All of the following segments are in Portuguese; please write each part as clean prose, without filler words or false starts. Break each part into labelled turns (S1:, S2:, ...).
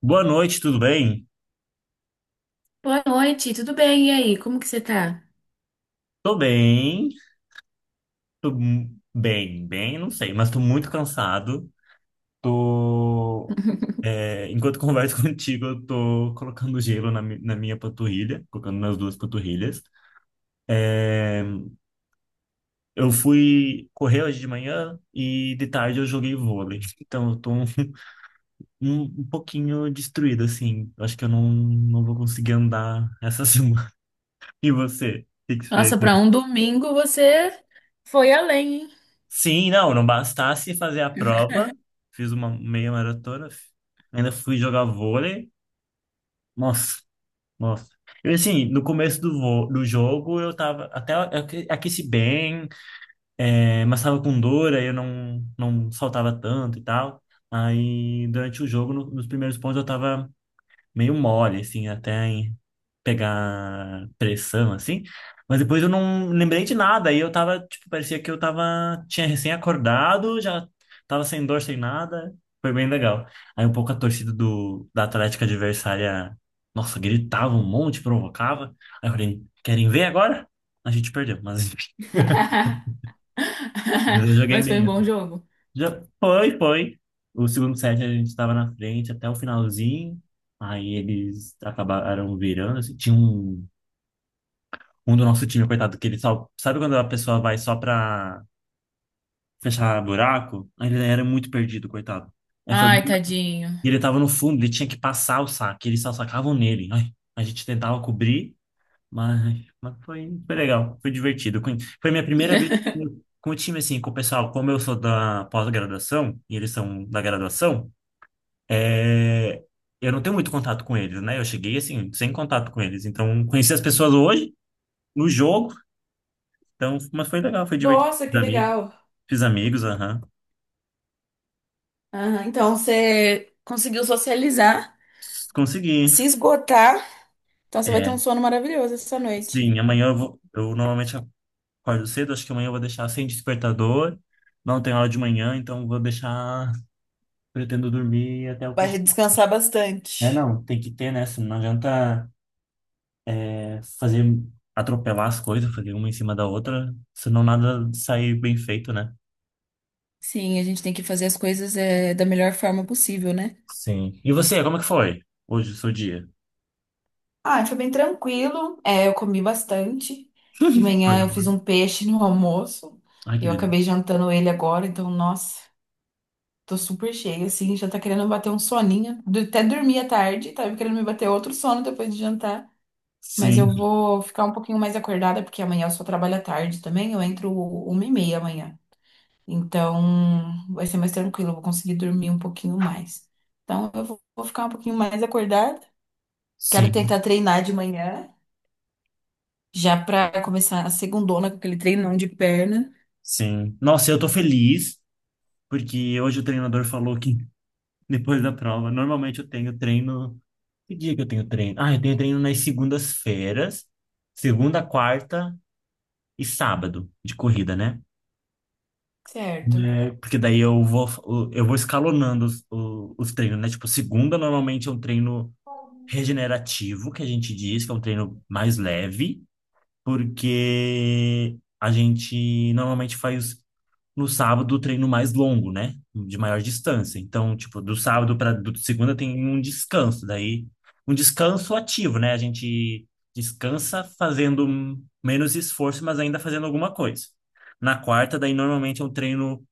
S1: Boa noite, tudo bem?
S2: Boa noite, tudo bem? E aí, como que você tá?
S1: Tô bem, bem, bem, não sei, mas tô muito cansado. Tô, é, enquanto converso contigo, eu tô colocando gelo na minha panturrilha, colocando nas duas panturrilhas. É, eu fui correr hoje de manhã e de tarde eu joguei vôlei, então eu tô um pouquinho destruído, assim. Eu acho que eu não vou conseguir andar essa semana. E você? O que que você fez?
S2: Nossa, pra um domingo você foi além, hein?
S1: Sim, não bastasse fazer a prova, fiz uma meia maratona, ainda fui jogar vôlei. Nossa, nossa. Eu, assim, no começo do jogo, eu tava até aqueci bem, é, mas tava com dor, aí eu não saltava tanto e tal. Aí, durante o jogo, nos primeiros pontos, eu tava meio mole, assim, até em pegar pressão, assim. Mas depois eu não lembrei de nada. Aí eu tava, tipo, parecia que eu tava, tinha recém-acordado, já tava sem dor, sem nada. Foi bem legal. Aí um pouco a torcida da Atlética adversária, nossa, gritava um monte, provocava. Aí eu falei, querem ver agora? A gente perdeu, mas enfim, eu joguei
S2: Mas foi
S1: bem.
S2: um bom jogo.
S1: Já foi, foi. O segundo set a gente estava na frente até o finalzinho. Aí eles acabaram virando, assim. Tinha um do nosso time, coitado, que ele só... Sabe quando a pessoa vai só pra fechar buraco? Aí ele era muito perdido, coitado. Aí foi...
S2: Ai, tadinho.
S1: e ele tava no fundo, ele tinha que passar o saque. Eles só sacavam nele. Ai, a gente tentava cobrir, mas foi, foi legal. Foi divertido. Foi foi minha primeira vez com o time, assim, com o pessoal. Como eu sou da pós-graduação, e eles são da graduação... É, eu não tenho muito contato com eles, né? Eu cheguei assim, sem contato com eles. Então, conheci as pessoas hoje, no jogo. Então, mas foi legal, foi divertido.
S2: Nossa, que legal.
S1: Fiz amigos, aham.
S2: Aham, então você conseguiu socializar,
S1: Consegui.
S2: se esgotar. Então você vai ter
S1: É,
S2: um sono maravilhoso essa noite.
S1: sim, amanhã eu vou, eu normalmente acordo cedo, acho que amanhã eu vou deixar sem despertador. Não tem aula de manhã, então vou deixar, pretendo dormir até o
S2: Vai
S1: consigo.
S2: descansar
S1: É,
S2: bastante.
S1: não, tem que ter, né? Senão não adianta é, fazer atropelar as coisas, fazer uma em cima da outra, senão nada sair bem feito, né?
S2: Sim, a gente tem que fazer as coisas da melhor forma possível, né?
S1: Sim. E você, como é que foi hoje, o seu dia?
S2: Ah, foi bem tranquilo. É, eu comi bastante. De manhã eu fiz um peixe no almoço
S1: Ai,
S2: e
S1: que
S2: eu acabei
S1: delícia.
S2: jantando ele agora, então, nossa, tô super cheia, assim, já tá querendo bater um soninho. Até dormi à tarde, tava querendo me bater outro sono depois de jantar. Mas
S1: Sim,
S2: eu vou ficar um pouquinho mais acordada, porque amanhã eu só trabalho à tarde também, eu entro 1h30 amanhã. Então, vai ser mais tranquilo, eu vou conseguir dormir um pouquinho mais. Então, eu vou ficar um pouquinho mais acordada. Quero
S1: sim,
S2: tentar treinar de manhã. Já pra começar a segundona com aquele treinão de perna.
S1: sim. Nossa, eu tô feliz, porque hoje o treinador falou que depois da prova, normalmente eu tenho treino. Que dia que eu tenho treino? Ah, eu tenho treino nas segundas-feiras, segunda, quarta e sábado de corrida, né?
S2: Certo.
S1: É, porque daí eu vou escalonando os treinos, né? Tipo, segunda normalmente é um treino regenerativo, que a gente diz, que é um treino mais leve. Porque a gente normalmente faz no sábado o treino mais longo, né? De maior distância. Então, tipo, do sábado para segunda tem um descanso, daí um descanso ativo, né? A gente descansa fazendo menos esforço, mas ainda fazendo alguma coisa. Na quarta, daí normalmente é um treino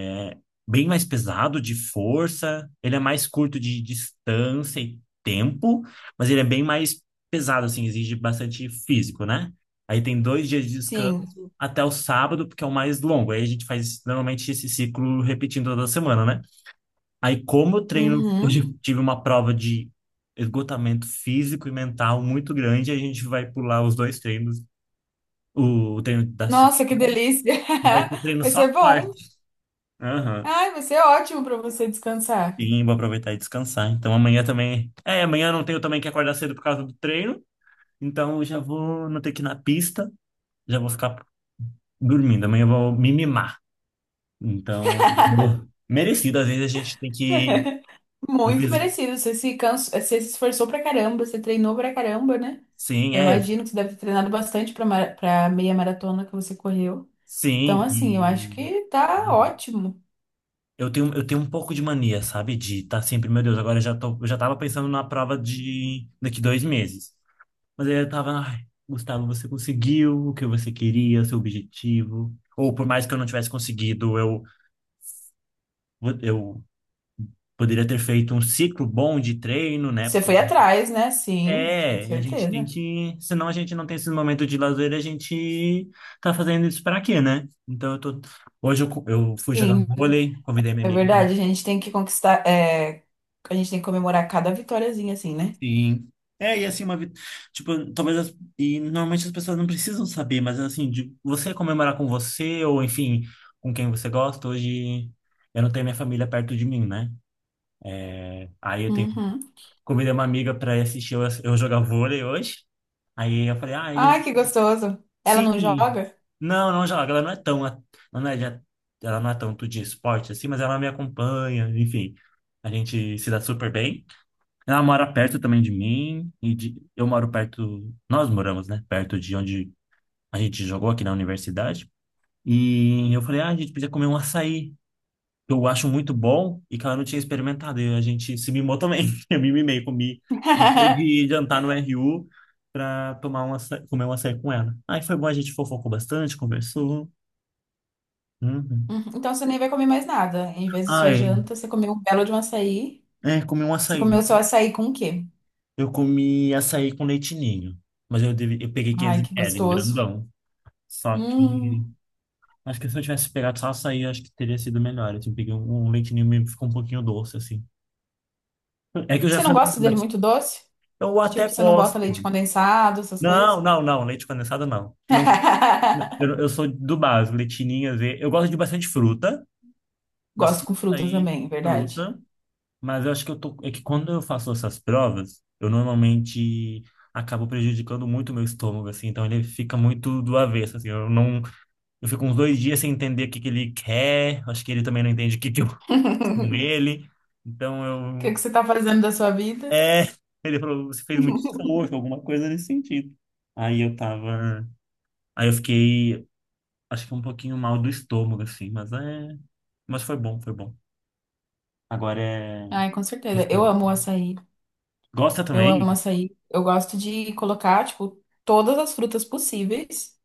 S1: é bem mais pesado de força, ele é mais curto de distância e tempo, mas ele é bem mais pesado, assim, exige bastante físico, né? Aí tem 2 dias de
S2: Sim.
S1: descanso até o sábado, porque é o mais longo. Aí a gente faz normalmente esse ciclo repetindo toda semana, né? Aí, como eu treino,
S2: Uhum.
S1: hoje eu tive uma prova de esgotamento físico e mental muito grande, a gente vai pular os dois treinos, o, treino da
S2: Nossa, que
S1: segunda,
S2: delícia!
S1: e vai ter treino
S2: Vai
S1: só
S2: ser
S1: quarta.
S2: bom.
S1: Aham.
S2: Ai, vai ser ótimo pra você descansar.
S1: Sim, vou aproveitar e descansar. Então amanhã também. É, amanhã eu não tenho também que acordar cedo por causa do treino. Então eu já vou não ter que ir na pista. Já vou ficar dormindo. Amanhã eu vou me mimar. Então, eu- merecido. Às vezes a gente tem que. Eu
S2: Muito
S1: fiz.
S2: merecido. Você se cansa, você se esforçou pra caramba, você treinou pra caramba, né?
S1: Sim,
S2: Eu
S1: é.
S2: imagino que você deve ter treinado bastante pra, pra meia maratona que você correu. Então,
S1: Sim.
S2: assim, eu acho
S1: E
S2: que tá ótimo.
S1: eu tenho um pouco de mania, sabe? De estar sempre, meu Deus, agora eu já tô, eu já tava pensando na prova de daqui 2 meses. Mas aí eu tava, ai, Gustavo, você conseguiu o que você queria, o seu objetivo. Ou por mais que eu não tivesse conseguido, eu poderia ter feito um ciclo bom de treino, né?
S2: Você
S1: Porque
S2: foi atrás, né? Sim, com
S1: é, a gente tem
S2: certeza.
S1: que. Senão a gente não tem esse momento de lazer, a gente tá fazendo isso pra quê, né? Então eu tô. Hoje eu, eu fui jogar
S2: Sim.
S1: vôlei, convidei minha
S2: É
S1: amiga.
S2: verdade, a gente tem que conquistar, a gente tem que comemorar cada vitóriazinha assim, né?
S1: Sim. É, e assim, uma vida. Tipo, talvez. As... E normalmente as pessoas não precisam saber, mas assim, de você comemorar com você, ou enfim, com quem você gosta. Hoje eu não tenho minha família perto de mim, né? Aí eu tenho.
S2: Uhum.
S1: Convidei uma amiga pra ir assistir eu jogar vôlei hoje. Aí eu falei, ah, ele...
S2: Ai, que gostoso. Ela não
S1: Sim.
S2: joga?
S1: Não, não joga. Ela não é tão. A- não é, de- ela não é tanto de esporte assim, mas ela me acompanha, enfim. A gente se dá super bem. Ela mora perto também de mim e de, eu moro perto, nós moramos, né, perto de onde a gente jogou aqui na universidade. E eu falei, ah, a gente podia comer um açaí, que eu acho muito bom e que ela não tinha experimentado. E a gente se mimou também. Eu me mimei, comi, deixei de jantar no RU pra tomar um açaí, comer um açaí com ela. Aí foi bom, a gente fofocou bastante, conversou. Uhum.
S2: Uhum. Então você nem vai comer mais nada. Em vez de sua
S1: Ai,
S2: janta, você comeu um belo de um açaí.
S1: é, comi um
S2: Você
S1: açaí.
S2: comeu seu açaí com o quê?
S1: Eu comi açaí com leitinho, mas eu, deve, eu peguei
S2: Ai, que
S1: 500 ml, um
S2: gostoso.
S1: grandão. Só que
S2: Hum.
S1: acho que se eu tivesse pegado só açaí, acho que teria sido melhor. Assim, peguei um leite ninho e ficou um pouquinho doce, assim. É que eu já
S2: Você não
S1: falei,
S2: gosta dele muito doce?
S1: eu até
S2: Tipo, você não bota
S1: gosto.
S2: leite condensado, essas
S1: Não,
S2: coisas?
S1: não, não, leite condensado não. Eu, eu sou do básico, leite ninho, às vezes- eu gosto de bastante fruta, mas
S2: Gosto com fruta
S1: açaí,
S2: também, é verdade.
S1: fruta. Mas eu acho que eu tô, é que quando eu faço essas provas, eu normalmente acabo prejudicando muito o meu estômago, assim. Então ele fica muito do avesso, assim. Eu não eu fico uns 2 dias sem entender o que que ele quer. Acho que ele também não entende o que que eu fiz com ele. Então
S2: O que
S1: eu.
S2: que você tá fazendo da sua vida?
S1: É, ele falou, você fez muito esforço, alguma coisa nesse sentido. Aí eu tava. Aí eu fiquei, acho que um pouquinho mal do estômago, assim, mas é. Mas foi bom, foi bom. Agora é.
S2: Ai, com certeza. Eu
S1: Estômago.
S2: amo o açaí.
S1: Gosta
S2: Eu
S1: também?
S2: amo açaí. Eu gosto de colocar, tipo, todas as frutas possíveis.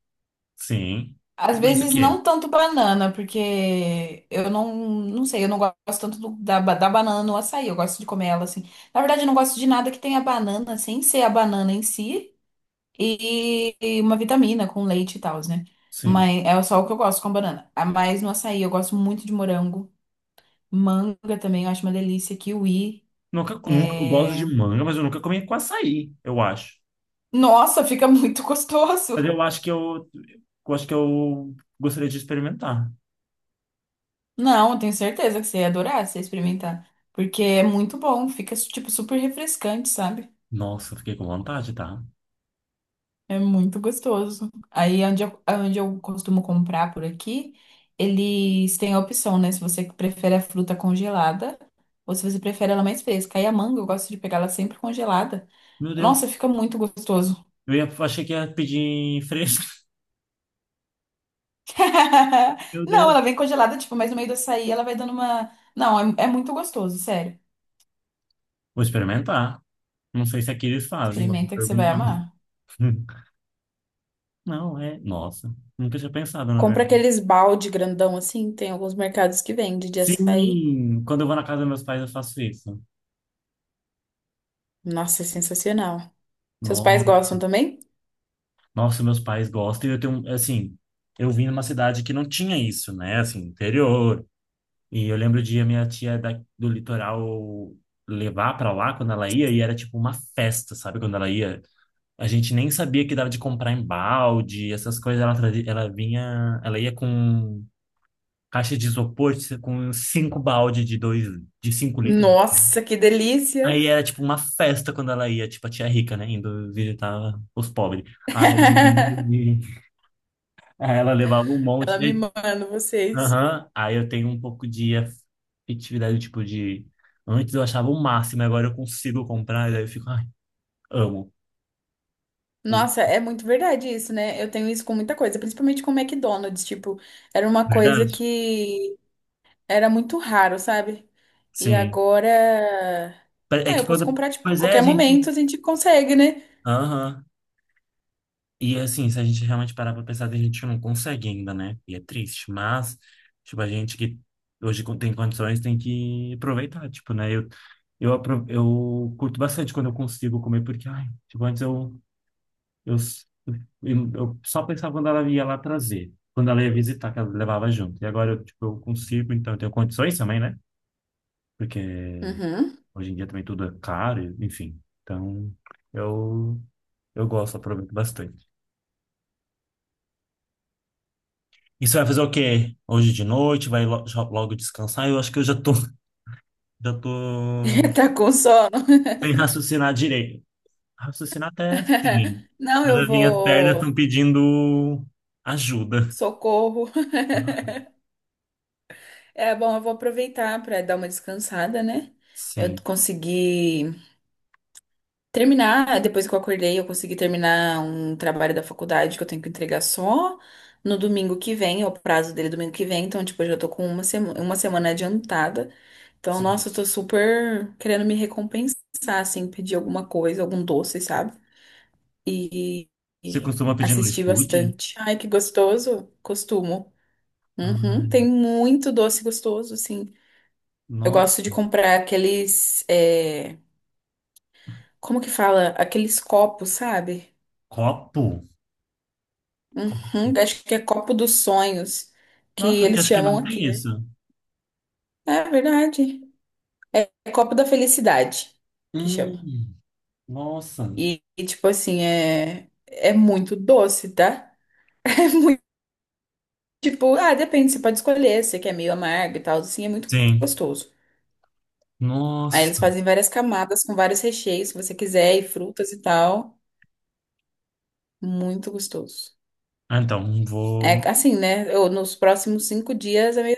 S1: Sim.
S2: Às
S1: E mas o
S2: vezes
S1: que é?
S2: não tanto banana, porque eu não sei, eu não gosto tanto da banana no açaí. Eu gosto de comer ela assim. Na verdade, eu não gosto de nada que tenha banana, sem ser a banana em si, e uma vitamina com leite e tal, né?
S1: Sim.
S2: Mas é só o que eu gosto com banana. Ah, mas no açaí eu gosto muito de morango. Manga também, eu acho uma delícia. Kiwi.
S1: Nunca, nunca, eu gosto
S2: É,
S1: de manga, mas eu nunca comi com açaí, eu acho.
S2: nossa, fica muito
S1: Mas
S2: gostoso.
S1: eu acho que eu acho que eu gostaria de experimentar.
S2: Não, eu tenho certeza que você ia adorar se você experimentar. Porque é muito bom, fica tipo super refrescante, sabe?
S1: Nossa, fiquei com vontade, tá?
S2: É muito gostoso. Aí onde eu costumo comprar por aqui, eles têm a opção, né? Se você prefere a fruta congelada ou se você prefere ela mais fresca. Aí a manga, eu gosto de pegar ela sempre congelada.
S1: Meu Deus,
S2: Nossa, fica muito gostoso.
S1: eu ia, achei que ia pedir fresco. Meu
S2: Não,
S1: Deus.
S2: ela vem congelada, tipo, mas no meio do açaí ela vai dando uma. Não, é muito gostoso, sério.
S1: Vou experimentar. Não sei se aqui eles fazem, mas vou
S2: Experimenta que você vai
S1: perguntar.
S2: amar.
S1: Não, é. Nossa, nunca tinha pensado, na
S2: Compra
S1: verdade.
S2: aqueles balde grandão assim, tem alguns mercados que vende de açaí.
S1: Sim, quando eu vou na casa dos meus pais, eu faço isso.
S2: Nossa, é sensacional. Seus pais
S1: No-
S2: gostam também?
S1: nossa, meus pais gostam. E eu tenho, assim, eu vim numa cidade que não tinha isso, né? Assim, interior. E eu lembro de a minha tia do litoral levar pra lá quando ela ia, e era tipo uma festa, sabe? Quando ela ia. A gente nem sabia que dava de comprar em balde, essas coisas. Ela, trazia- ela vinha, ela ia com caixa de isopor, com cinco balde de dois, de 5 litros.
S2: Nossa, que delícia!
S1: Aí era tipo uma festa quando ela ia, tipo a tia rica, né, indo visitar os pobres. Aí, aí ela levava um
S2: Ela
S1: monte.
S2: me
S1: Aí,
S2: manda vocês.
S1: aham. Aí eu tenho um pouco de afetividade, tipo de. Antes eu achava o máximo, agora eu consigo comprar, e daí eu fico, ai, amo. Hoje-
S2: Nossa, é muito verdade isso, né? Eu tenho isso com muita coisa, principalmente com o McDonald's, tipo, era uma
S1: é
S2: coisa
S1: verdade?
S2: que era muito raro, sabe? E
S1: Sim.
S2: agora,
S1: É
S2: ah, eu
S1: que
S2: posso
S1: quando.
S2: comprar, tipo, a
S1: Pois é,
S2: qualquer
S1: gente.
S2: momento a gente consegue, né?
S1: Aham. E assim, se a gente realmente parar pra pensar, a gente que não consegue ainda, né? E é triste, mas, tipo, a gente que hoje tem condições tem que aproveitar, tipo, né? Eu, eu curto bastante quando eu consigo comer, porque, ai, tipo, antes eu, eu, s- eu só pensava quando ela ia lá trazer, quando ela ia visitar, que ela levava junto. E agora eu, tipo, eu consigo, então eu tenho condições também, né? Porque
S2: Uhum.
S1: hoje em dia também tudo é caro, enfim. Então, eu, eu gosto, aproveito bastante. E você vai fazer o quê? Hoje de noite? Vai logo descansar? Eu acho que eu já tô, já tô
S2: Tá com sono.
S1: sem raciocinar direito. Raciocinar até sim.
S2: Não,
S1: Mas
S2: eu
S1: as minhas pernas estão
S2: vou.
S1: pedindo ajuda.
S2: Socorro. É bom, eu vou aproveitar para dar uma descansada, né? Eu
S1: Sim,
S2: consegui terminar, depois que eu acordei, eu consegui terminar um trabalho da faculdade que eu tenho que entregar só no domingo que vem, é o prazo dele domingo que vem, então, tipo, eu já tô com uma semana adiantada. Então,
S1: sim.
S2: nossa, eu tô super querendo me recompensar, assim, pedir alguma coisa, algum doce, sabe? E,
S1: Você
S2: e
S1: costuma pedir no
S2: assistir
S1: iFood?
S2: bastante. Ai, que gostoso. Costumo. Uhum,
S1: Ai,
S2: tem muito doce gostoso, assim. Eu
S1: nossa.
S2: gosto de comprar aqueles. Como que fala? Aqueles copos, sabe?
S1: Copo? Copo.
S2: Uhum, acho que é copo dos sonhos, que
S1: Nossa, aqui
S2: eles
S1: acho que
S2: chamam
S1: não
S2: aqui,
S1: tem
S2: né?
S1: isso.
S2: É verdade. É copo da felicidade, que chama.
S1: Hum, nossa.
S2: Tipo assim, é muito doce, tá? É muito, tipo, ah, depende, você pode escolher, se você quer meio amargo e tal, assim, é muito
S1: Sim.
S2: gostoso. Aí eles
S1: Nossa.
S2: fazem várias camadas com vários recheios, se você quiser, e frutas e tal. Muito gostoso.
S1: Ah, então, vou.
S2: É assim, né? Eu, nos próximos 5 dias a minha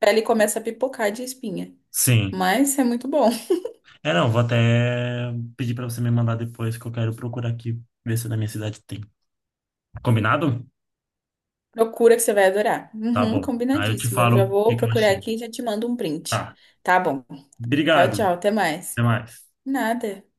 S2: pele começa a pipocar de espinha.
S1: Sim.
S2: Mas é muito bom.
S1: É, não, vou até pedir pra você me mandar depois que eu quero procurar aqui, ver se na minha cidade tem. Combinado?
S2: Procura que você vai adorar.
S1: Tá
S2: Uhum,
S1: bom. Aí eu te
S2: combinadíssimo. Eu já
S1: falo o
S2: vou
S1: que que eu
S2: procurar
S1: achei.
S2: aqui e já te mando um print.
S1: Tá.
S2: Tá bom. Tchau,
S1: Obrigado.
S2: tchau. Até mais.
S1: Até mais.
S2: Nada.